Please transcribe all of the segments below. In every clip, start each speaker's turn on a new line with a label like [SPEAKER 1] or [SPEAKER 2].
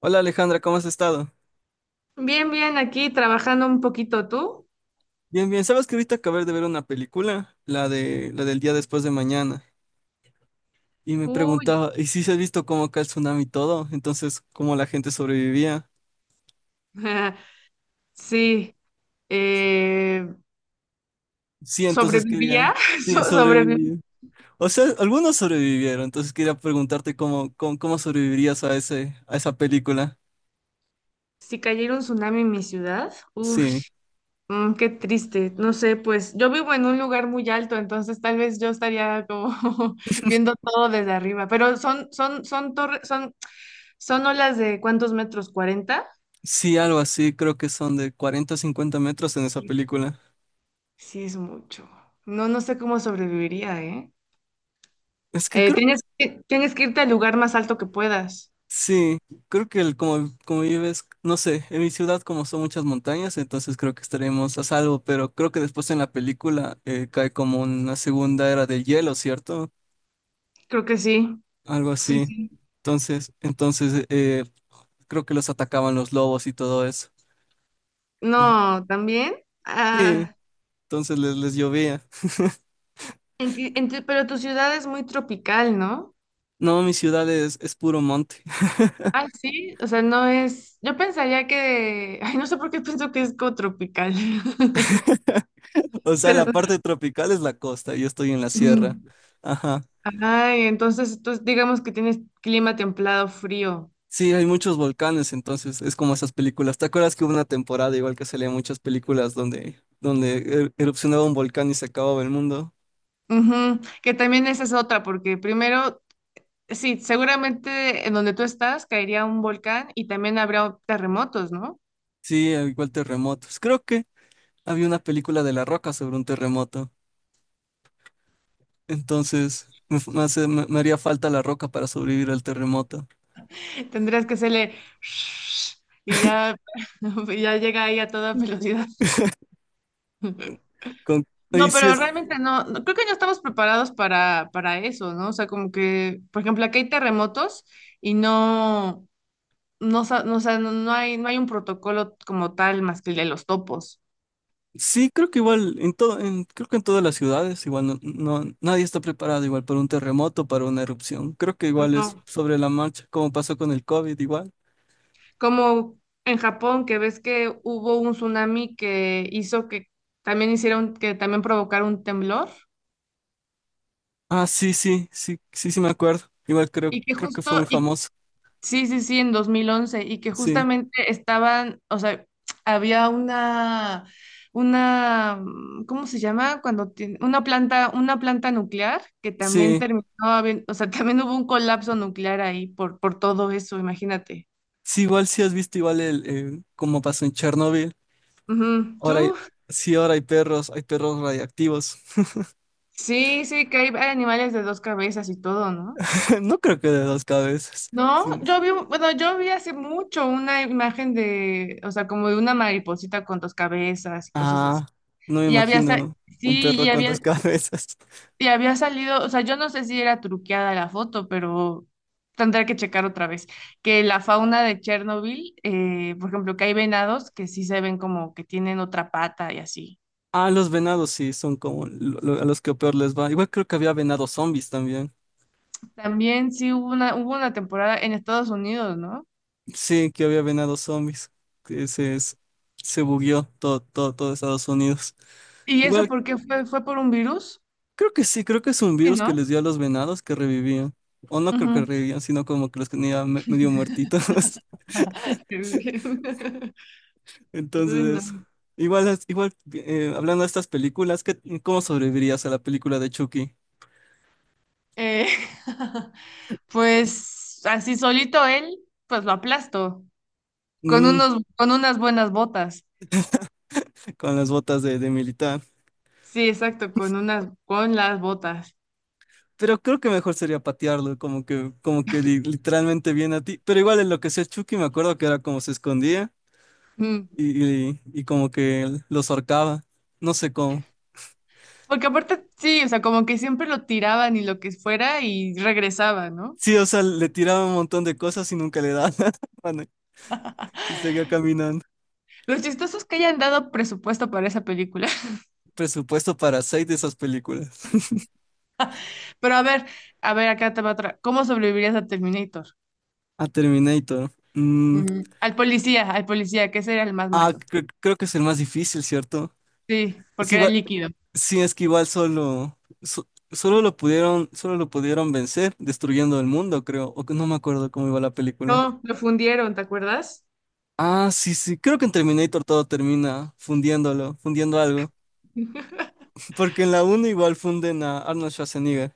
[SPEAKER 1] Hola Alejandra, ¿cómo has estado?
[SPEAKER 2] Bien, bien, aquí trabajando un poquito tú.
[SPEAKER 1] Bien, bien. Sabes que ahorita acabé de ver una película, la de la del día después de mañana, y me
[SPEAKER 2] Uy,
[SPEAKER 1] preguntaba, ¿y si se ha visto cómo acá el tsunami y todo? Entonces, ¿cómo la gente sobrevivía?
[SPEAKER 2] sí, eh,
[SPEAKER 1] Sí, entonces quería,
[SPEAKER 2] sobrevivía,
[SPEAKER 1] sí,
[SPEAKER 2] sobreviví.
[SPEAKER 1] sobrevivir. O sea, algunos sobrevivieron, entonces quería preguntarte cómo sobrevivirías a ese, a esa película.
[SPEAKER 2] Si cayera un tsunami en mi ciudad, uff,
[SPEAKER 1] Sí,
[SPEAKER 2] qué triste. No sé, pues yo vivo en un lugar muy alto, entonces tal vez yo estaría como viendo todo desde arriba. Pero son torres, son olas de ¿cuántos metros? 40.
[SPEAKER 1] sí, algo así, creo que son de 40, o 50 metros en esa
[SPEAKER 2] Sí,
[SPEAKER 1] película.
[SPEAKER 2] sí es mucho. No, no sé cómo sobreviviría, ¿eh?
[SPEAKER 1] Es que creo
[SPEAKER 2] Tienes que irte al lugar más alto que puedas.
[SPEAKER 1] sí, creo que el, como, como vives, no sé, en mi ciudad como son muchas montañas, entonces creo que estaremos a salvo, pero creo que después en la película cae como una segunda era del hielo, ¿cierto?
[SPEAKER 2] Creo que sí.
[SPEAKER 1] Algo
[SPEAKER 2] Sí,
[SPEAKER 1] así.
[SPEAKER 2] sí.
[SPEAKER 1] Entonces, creo que los atacaban los lobos y todo eso. Entonces,
[SPEAKER 2] No, también.
[SPEAKER 1] sí,
[SPEAKER 2] Ah,
[SPEAKER 1] entonces les llovía.
[SPEAKER 2] en ti- en tu- pero tu ciudad es muy tropical, ¿no?
[SPEAKER 1] No, mi ciudad es puro monte.
[SPEAKER 2] Ah, sí. O sea, no es. Yo pensaría que. Ay, no sé por qué pienso que es como tropical.
[SPEAKER 1] O sea, la
[SPEAKER 2] Pero.
[SPEAKER 1] parte tropical es la costa, yo estoy en la sierra.
[SPEAKER 2] Ujú.
[SPEAKER 1] Ajá.
[SPEAKER 2] Ay, entonces tú digamos que tienes clima templado, frío.
[SPEAKER 1] Sí, hay muchos volcanes, entonces es como esas películas. ¿Te acuerdas que hubo una temporada igual que salían muchas películas donde, erupcionaba un volcán y se acababa el mundo?
[SPEAKER 2] Ujú, que también esa es otra, porque primero, sí, seguramente en donde tú estás caería un volcán y también habrá terremotos, ¿no?
[SPEAKER 1] Sí, al igual terremotos. Creo que había una película de La Roca sobre un terremoto. Entonces me, f- me hace- me- Me haría falta La Roca para sobrevivir al terremoto.
[SPEAKER 2] Tendrías que hacerle y ya, y ya llega ahí a toda velocidad.
[SPEAKER 1] Con, y
[SPEAKER 2] No,
[SPEAKER 1] sí
[SPEAKER 2] pero
[SPEAKER 1] es,
[SPEAKER 2] realmente creo que no estamos preparados para eso, ¿no? O sea, como que, por ejemplo, aquí hay terremotos y no, no, o sea, no, no hay un protocolo como tal más que el de los topos.
[SPEAKER 1] sí, creo que igual en todo, creo que en todas las ciudades igual no, nadie está preparado igual para un terremoto, para una erupción. Creo que igual es
[SPEAKER 2] No.
[SPEAKER 1] sobre la marcha, como pasó con el COVID igual.
[SPEAKER 2] Como en Japón, que ves que hubo un tsunami que hizo que también hicieron, que también provocara un temblor.
[SPEAKER 1] Ah, sí me acuerdo. Igual creo,
[SPEAKER 2] Y que
[SPEAKER 1] creo que fue
[SPEAKER 2] justo,
[SPEAKER 1] muy
[SPEAKER 2] y
[SPEAKER 1] famoso.
[SPEAKER 2] Sí, sí, sí, en 2011 y que
[SPEAKER 1] Sí,
[SPEAKER 2] justamente estaban, o sea, había una, ¿cómo se llama? Cuando tiene, una planta nuclear que también
[SPEAKER 1] sí,
[SPEAKER 2] terminó, o sea, también hubo un colapso nuclear ahí por todo eso, imagínate.
[SPEAKER 1] sí, igual sí has visto igual el, cómo pasó en Chernóbil.
[SPEAKER 2] Ujú.
[SPEAKER 1] Ahora hay,
[SPEAKER 2] ¿Tú?
[SPEAKER 1] sí, ahora hay perros radiactivos.
[SPEAKER 2] Sí, sí, que hay animales de dos cabezas y todo, ¿no?
[SPEAKER 1] No creo que de dos cabezas.
[SPEAKER 2] No,
[SPEAKER 1] Sí.
[SPEAKER 2] yo vi, bueno, yo vi hace mucho una imagen de, o sea, como de una mariposita con dos cabezas y cosas así.
[SPEAKER 1] Ah, no me
[SPEAKER 2] Y había, sa-
[SPEAKER 1] imagino un
[SPEAKER 2] sí,
[SPEAKER 1] perro con dos cabezas.
[SPEAKER 2] y había salido, o sea, yo no sé si era truqueada la foto, pero tendré que checar otra vez. Que la fauna de Chernobyl, por ejemplo, que hay venados que sí se ven como que tienen otra pata y así.
[SPEAKER 1] Ah, los venados sí, son como a los que peor les va. Igual creo que había venados zombies también.
[SPEAKER 2] También sí hubo una temporada en Estados Unidos, ¿no?
[SPEAKER 1] Sí, que había venados zombies. Que se bugueó todo Estados Unidos.
[SPEAKER 2] ¿Y eso
[SPEAKER 1] Igual
[SPEAKER 2] por qué fue? ¿Fue por un virus?
[SPEAKER 1] creo que sí, creo que es un
[SPEAKER 2] Sí,
[SPEAKER 1] virus que
[SPEAKER 2] ¿no?
[SPEAKER 1] les dio a los venados que revivían. O no creo que
[SPEAKER 2] Ujú.
[SPEAKER 1] revivían, sino como que los tenía medio muertitos.
[SPEAKER 2] Qué bien. Uy, no.
[SPEAKER 1] Entonces, eso. Igual, igual hablando de estas películas, ¿qué, cómo sobrevivirías a la película de Chucky?
[SPEAKER 2] Eh, pues así solito él, pues lo aplasto
[SPEAKER 1] Mm,
[SPEAKER 2] con unas buenas botas.
[SPEAKER 1] con las botas de militar.
[SPEAKER 2] Sí, exacto, con las botas.
[SPEAKER 1] Pero creo que mejor sería patearlo, como que literalmente viene a ti. Pero igual en lo que sea Chucky, me acuerdo que era como se escondía
[SPEAKER 2] Mm.
[SPEAKER 1] y como que los ahorcaba. No sé cómo.
[SPEAKER 2] Porque aparte, sí, o sea, como que siempre lo tiraban y lo que fuera y regresaba, ¿no?
[SPEAKER 1] Sí, o sea, le tiraba un montón de cosas y nunca le daba nada, mano, y seguía caminando.
[SPEAKER 2] Los chistosos que hayan dado presupuesto para esa película.
[SPEAKER 1] Presupuesto para seis de esas películas.
[SPEAKER 2] Pero a ver, acá te va otra. ¿Cómo sobrevivirías a Terminator?
[SPEAKER 1] A Terminator. Mm,
[SPEAKER 2] Ujú. Al policía, que ese era el más
[SPEAKER 1] ah,
[SPEAKER 2] malo.
[SPEAKER 1] creo que es el más difícil, ¿cierto?
[SPEAKER 2] Sí,
[SPEAKER 1] Es
[SPEAKER 2] porque era
[SPEAKER 1] igual,
[SPEAKER 2] líquido.
[SPEAKER 1] sí, es que igual solo, solo lo pudieron vencer destruyendo el mundo, creo. O que no me acuerdo cómo iba la película.
[SPEAKER 2] No, lo fundieron, ¿te acuerdas?
[SPEAKER 1] Ah, sí, sí, creo que en Terminator todo termina fundiéndolo, fundiendo algo. Porque en la uno igual funden a Arnold Schwarzenegger.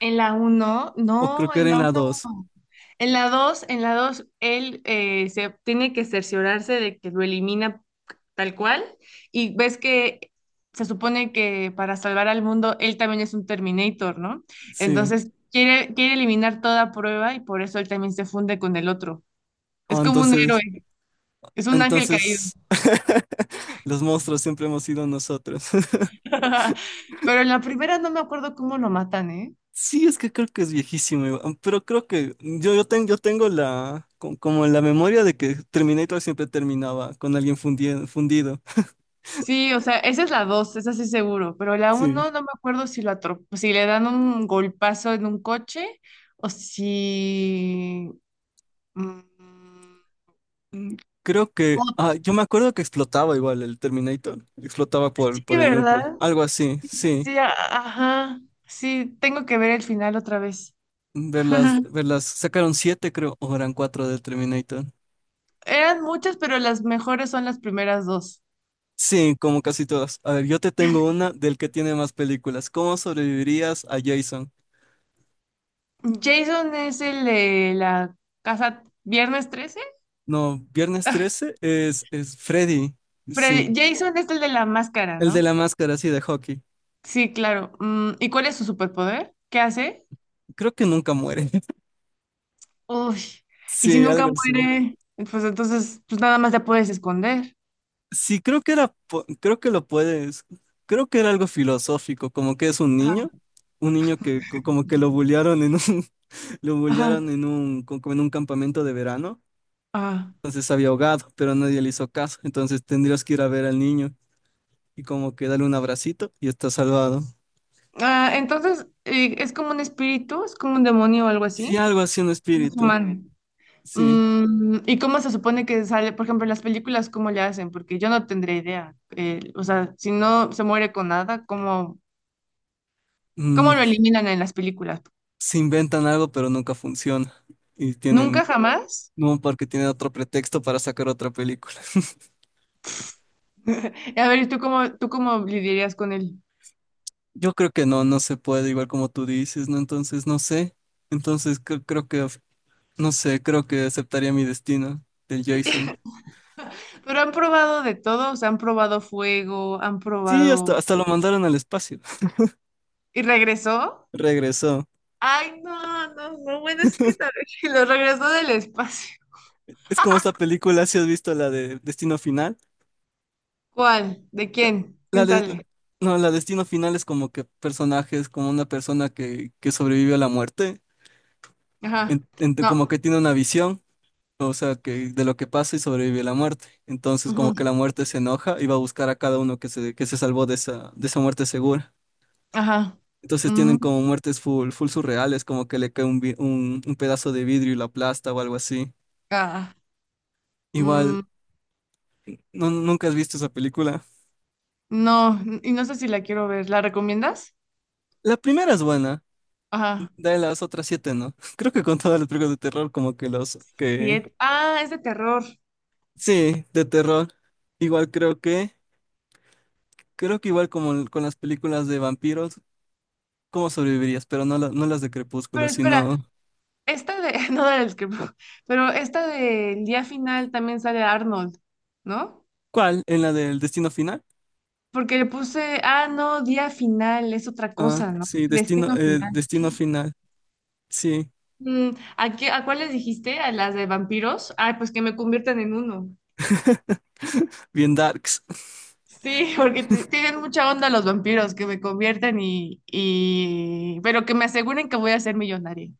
[SPEAKER 2] En la uno,
[SPEAKER 1] O creo
[SPEAKER 2] no,
[SPEAKER 1] que
[SPEAKER 2] en
[SPEAKER 1] era en
[SPEAKER 2] la
[SPEAKER 1] la
[SPEAKER 2] uno.
[SPEAKER 1] dos.
[SPEAKER 2] En la 2, él se tiene que cerciorarse de que lo elimina tal cual. Y ves que se supone que para salvar al mundo, él también es un Terminator, ¿no?
[SPEAKER 1] Sí.
[SPEAKER 2] Entonces quiere eliminar toda prueba y por eso él también se funde con el otro. Es
[SPEAKER 1] Ah,
[SPEAKER 2] como un
[SPEAKER 1] entonces
[SPEAKER 2] héroe, es un ángel caído.
[SPEAKER 1] entonces, los monstruos siempre hemos sido nosotros.
[SPEAKER 2] Pero en la primera no me acuerdo cómo lo matan, ¿eh?
[SPEAKER 1] Sí, es que creo que es viejísimo, igual, pero creo que yo tengo la, como la memoria de que Terminator siempre terminaba con alguien fundido.
[SPEAKER 2] Sí, o sea, esa es la dos, esa sí seguro, pero la
[SPEAKER 1] Sí.
[SPEAKER 2] uno no me acuerdo si le dan un golpazo en un coche o si... mm,
[SPEAKER 1] Mm, creo que,
[SPEAKER 2] o-
[SPEAKER 1] ah, yo me acuerdo que explotaba igual el Terminator, explotaba
[SPEAKER 2] sí,
[SPEAKER 1] por el núcleo,
[SPEAKER 2] ¿verdad?
[SPEAKER 1] algo así,
[SPEAKER 2] Sí, sí,
[SPEAKER 1] sí.
[SPEAKER 2] sí, ajá. Sí, tengo que ver el final otra vez.
[SPEAKER 1] Verlas, verlas, sacaron siete creo, o eran cuatro del Terminator.
[SPEAKER 2] Eran muchas, pero las mejores son las primeras dos.
[SPEAKER 1] Sí, como casi todas. A ver, yo te tengo una del que tiene más películas. ¿Cómo sobrevivirías a Jason?
[SPEAKER 2] Jason es el de la casa Viernes 13.
[SPEAKER 1] No, Viernes 13 es Freddy.
[SPEAKER 2] Freddy,
[SPEAKER 1] Sí,
[SPEAKER 2] Jason es el de la máscara,
[SPEAKER 1] el de
[SPEAKER 2] ¿no?
[SPEAKER 1] la máscara, sí, de hockey.
[SPEAKER 2] Sí, claro. Mm, ¿y cuál es su superpoder? ¿Qué hace?
[SPEAKER 1] Creo que nunca muere.
[SPEAKER 2] Uy, y si
[SPEAKER 1] Sí,
[SPEAKER 2] nunca
[SPEAKER 1] algo así.
[SPEAKER 2] muere, pues entonces, pues nada más la puedes esconder.
[SPEAKER 1] Sí, creo que era, creo que lo puedes, creo que era algo filosófico, como que es
[SPEAKER 2] Ajá,
[SPEAKER 1] un niño que como que lo bullearon en un, lo
[SPEAKER 2] ajá,
[SPEAKER 1] bullearon en un, como en un campamento de verano,
[SPEAKER 2] ajá.
[SPEAKER 1] entonces había ahogado, pero nadie le hizo caso, entonces tendrías que ir a ver al niño. Y como que dale un abracito y está salvado.
[SPEAKER 2] Ah, entonces, ¿es como un espíritu? ¿Es como un demonio o algo
[SPEAKER 1] Sí,
[SPEAKER 2] así?
[SPEAKER 1] algo así un
[SPEAKER 2] No es
[SPEAKER 1] espíritu,
[SPEAKER 2] humano.
[SPEAKER 1] sí.
[SPEAKER 2] Mm, ¿y cómo se supone que sale? Por ejemplo, en las películas, ¿cómo le hacen? Porque yo no tendré idea. O sea, si no se muere con nada,
[SPEAKER 1] Mm,
[SPEAKER 2] ¿cómo lo eliminan en las películas?
[SPEAKER 1] se inventan algo, pero nunca funciona. Y
[SPEAKER 2] ¿Nunca,
[SPEAKER 1] tienen,
[SPEAKER 2] jamás?
[SPEAKER 1] no, porque tienen otro pretexto para sacar otra película.
[SPEAKER 2] A ver, tú cómo lidiarías con él?
[SPEAKER 1] Yo creo que no, no se puede, igual como tú dices, ¿no? Entonces, no sé. Entonces, creo que, no sé, creo que aceptaría mi destino del Jason.
[SPEAKER 2] Pero han probado de todo, o sea, han probado fuego, han
[SPEAKER 1] Sí, hasta,
[SPEAKER 2] probado...
[SPEAKER 1] hasta lo mandaron al espacio.
[SPEAKER 2] ¿Y regresó?
[SPEAKER 1] Regresó.
[SPEAKER 2] Ay, no, no, no, bueno, es que tal vez lo regresó del espacio.
[SPEAKER 1] Es como esta película, si has visto la de Destino Final.
[SPEAKER 2] ¿Cuál? ¿De
[SPEAKER 1] La
[SPEAKER 2] quién?
[SPEAKER 1] la
[SPEAKER 2] ¿Quién
[SPEAKER 1] de-
[SPEAKER 2] sale?
[SPEAKER 1] no, la destino final es como que personajes, como una persona que sobrevive a la muerte,
[SPEAKER 2] Ajá. No.
[SPEAKER 1] como que tiene una visión, o sea, que de lo que pasa y sobrevive a la muerte. Entonces,
[SPEAKER 2] Ujú.
[SPEAKER 1] como que la muerte se enoja y va a buscar a cada uno que se salvó de esa muerte segura.
[SPEAKER 2] Ajá.
[SPEAKER 1] Entonces tienen
[SPEAKER 2] Mm,
[SPEAKER 1] como muertes full, full surreales, como que le cae un, un pedazo de vidrio y la aplasta o algo así.
[SPEAKER 2] ah,
[SPEAKER 1] Igual,
[SPEAKER 2] mm,
[SPEAKER 1] no, ¿nunca has visto esa película?
[SPEAKER 2] no, y no sé si la quiero ver. ¿La recomiendas?
[SPEAKER 1] La primera es buena.
[SPEAKER 2] Ajá.
[SPEAKER 1] De las otras siete, ¿no? Creo que con todas las películas de terror, como que los que...
[SPEAKER 2] Siete. Ah, es de terror.
[SPEAKER 1] Sí, de terror. Igual creo que... Creo que igual como con las películas de vampiros, ¿cómo sobrevivirías? Pero no, no las de
[SPEAKER 2] Pero
[SPEAKER 1] Crepúsculo, sino...
[SPEAKER 2] espera, esta de... No del que... no, pero esta del día final también sale Arnold, ¿no?
[SPEAKER 1] ¿Cuál? ¿En la del Destino Final?
[SPEAKER 2] Porque le puse, ah, no, día final, es otra
[SPEAKER 1] Ah,
[SPEAKER 2] cosa, ¿no?
[SPEAKER 1] sí, Destino,
[SPEAKER 2] Destino final.
[SPEAKER 1] Destino Final. Sí,
[SPEAKER 2] Mm, ¿a cuáles dijiste? ¿A las de vampiros? Ay, pues que me conviertan en uno.
[SPEAKER 1] bien darks.
[SPEAKER 2] Sí, porque tienen mucha onda los vampiros, que me conviertan y... Pero que me aseguren que voy a ser millonaria.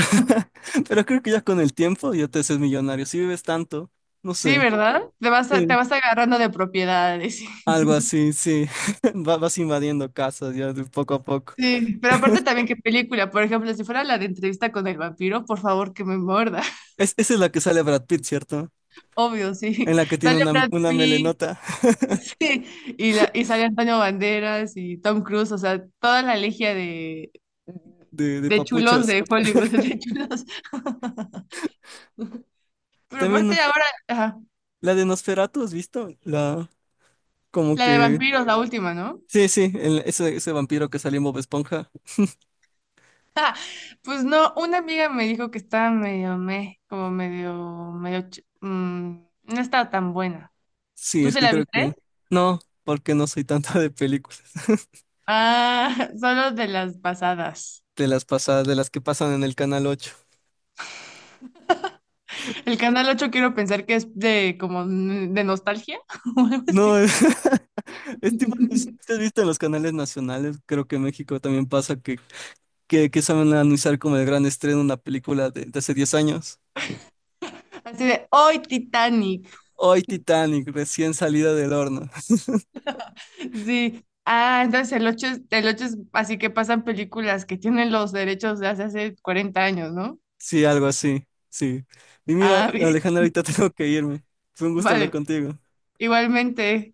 [SPEAKER 1] Pero creo que ya con el tiempo ya te haces millonario. Si vives tanto, no
[SPEAKER 2] Sí,
[SPEAKER 1] sé.
[SPEAKER 2] ¿verdad? Te vas, te
[SPEAKER 1] Sí.
[SPEAKER 2] vas agarrando de propiedades.
[SPEAKER 1] Algo así, sí. Vas invadiendo casas ya de poco a poco.
[SPEAKER 2] Sí, pero aparte también qué película, por ejemplo, si fuera la de entrevista con el vampiro, por favor que me muerda.
[SPEAKER 1] Es, esa es la que sale Brad Pitt, ¿cierto?
[SPEAKER 2] Obvio,
[SPEAKER 1] En
[SPEAKER 2] sí.
[SPEAKER 1] la que tiene
[SPEAKER 2] Sale Brad
[SPEAKER 1] una
[SPEAKER 2] Pitt.
[SPEAKER 1] melenota.
[SPEAKER 2] Sí, y sale Antonio Banderas y Tom Cruise, o sea, toda la legia
[SPEAKER 1] De
[SPEAKER 2] de chulos
[SPEAKER 1] papuchos.
[SPEAKER 2] de Hollywood, de chulos. Pero
[SPEAKER 1] También
[SPEAKER 2] aparte ahora, ajá,
[SPEAKER 1] la de Nosferatu, ¿has visto? La, como
[SPEAKER 2] la de
[SPEAKER 1] que...
[SPEAKER 2] vampiros, la última, ¿no?
[SPEAKER 1] Sí, sí, ese, ese vampiro que salió en Bob Esponja.
[SPEAKER 2] Pues no, una amiga me dijo que estaba medio meh, como medio, medio, no estaba tan buena.
[SPEAKER 1] Sí,
[SPEAKER 2] ¿Tú
[SPEAKER 1] es
[SPEAKER 2] se
[SPEAKER 1] que
[SPEAKER 2] la
[SPEAKER 1] creo que...
[SPEAKER 2] viste?
[SPEAKER 1] No, porque no soy tanto de películas.
[SPEAKER 2] Ah, solo de las pasadas.
[SPEAKER 1] De las pasadas, de las que pasan en el Canal 8.
[SPEAKER 2] El Canal ocho quiero pensar que es de como de nostalgia o algo
[SPEAKER 1] No,
[SPEAKER 2] así.
[SPEAKER 1] es, es tipo... es- ¿te Has visto en los canales nacionales? Creo que en México también pasa que saben anunciar como el gran estreno una película de hace 10 años.
[SPEAKER 2] Así de, hoy Titanic.
[SPEAKER 1] Hoy Titanic, recién salida del horno.
[SPEAKER 2] Sí. Ah, entonces el 8 es así que pasan películas que tienen los derechos de hace 40 años, ¿no?
[SPEAKER 1] Sí, algo así. Sí. Y mira,
[SPEAKER 2] Ah, bien.
[SPEAKER 1] Alejandra, ahorita tengo que irme. Fue un gusto hablar
[SPEAKER 2] Vale.
[SPEAKER 1] contigo.
[SPEAKER 2] Igualmente.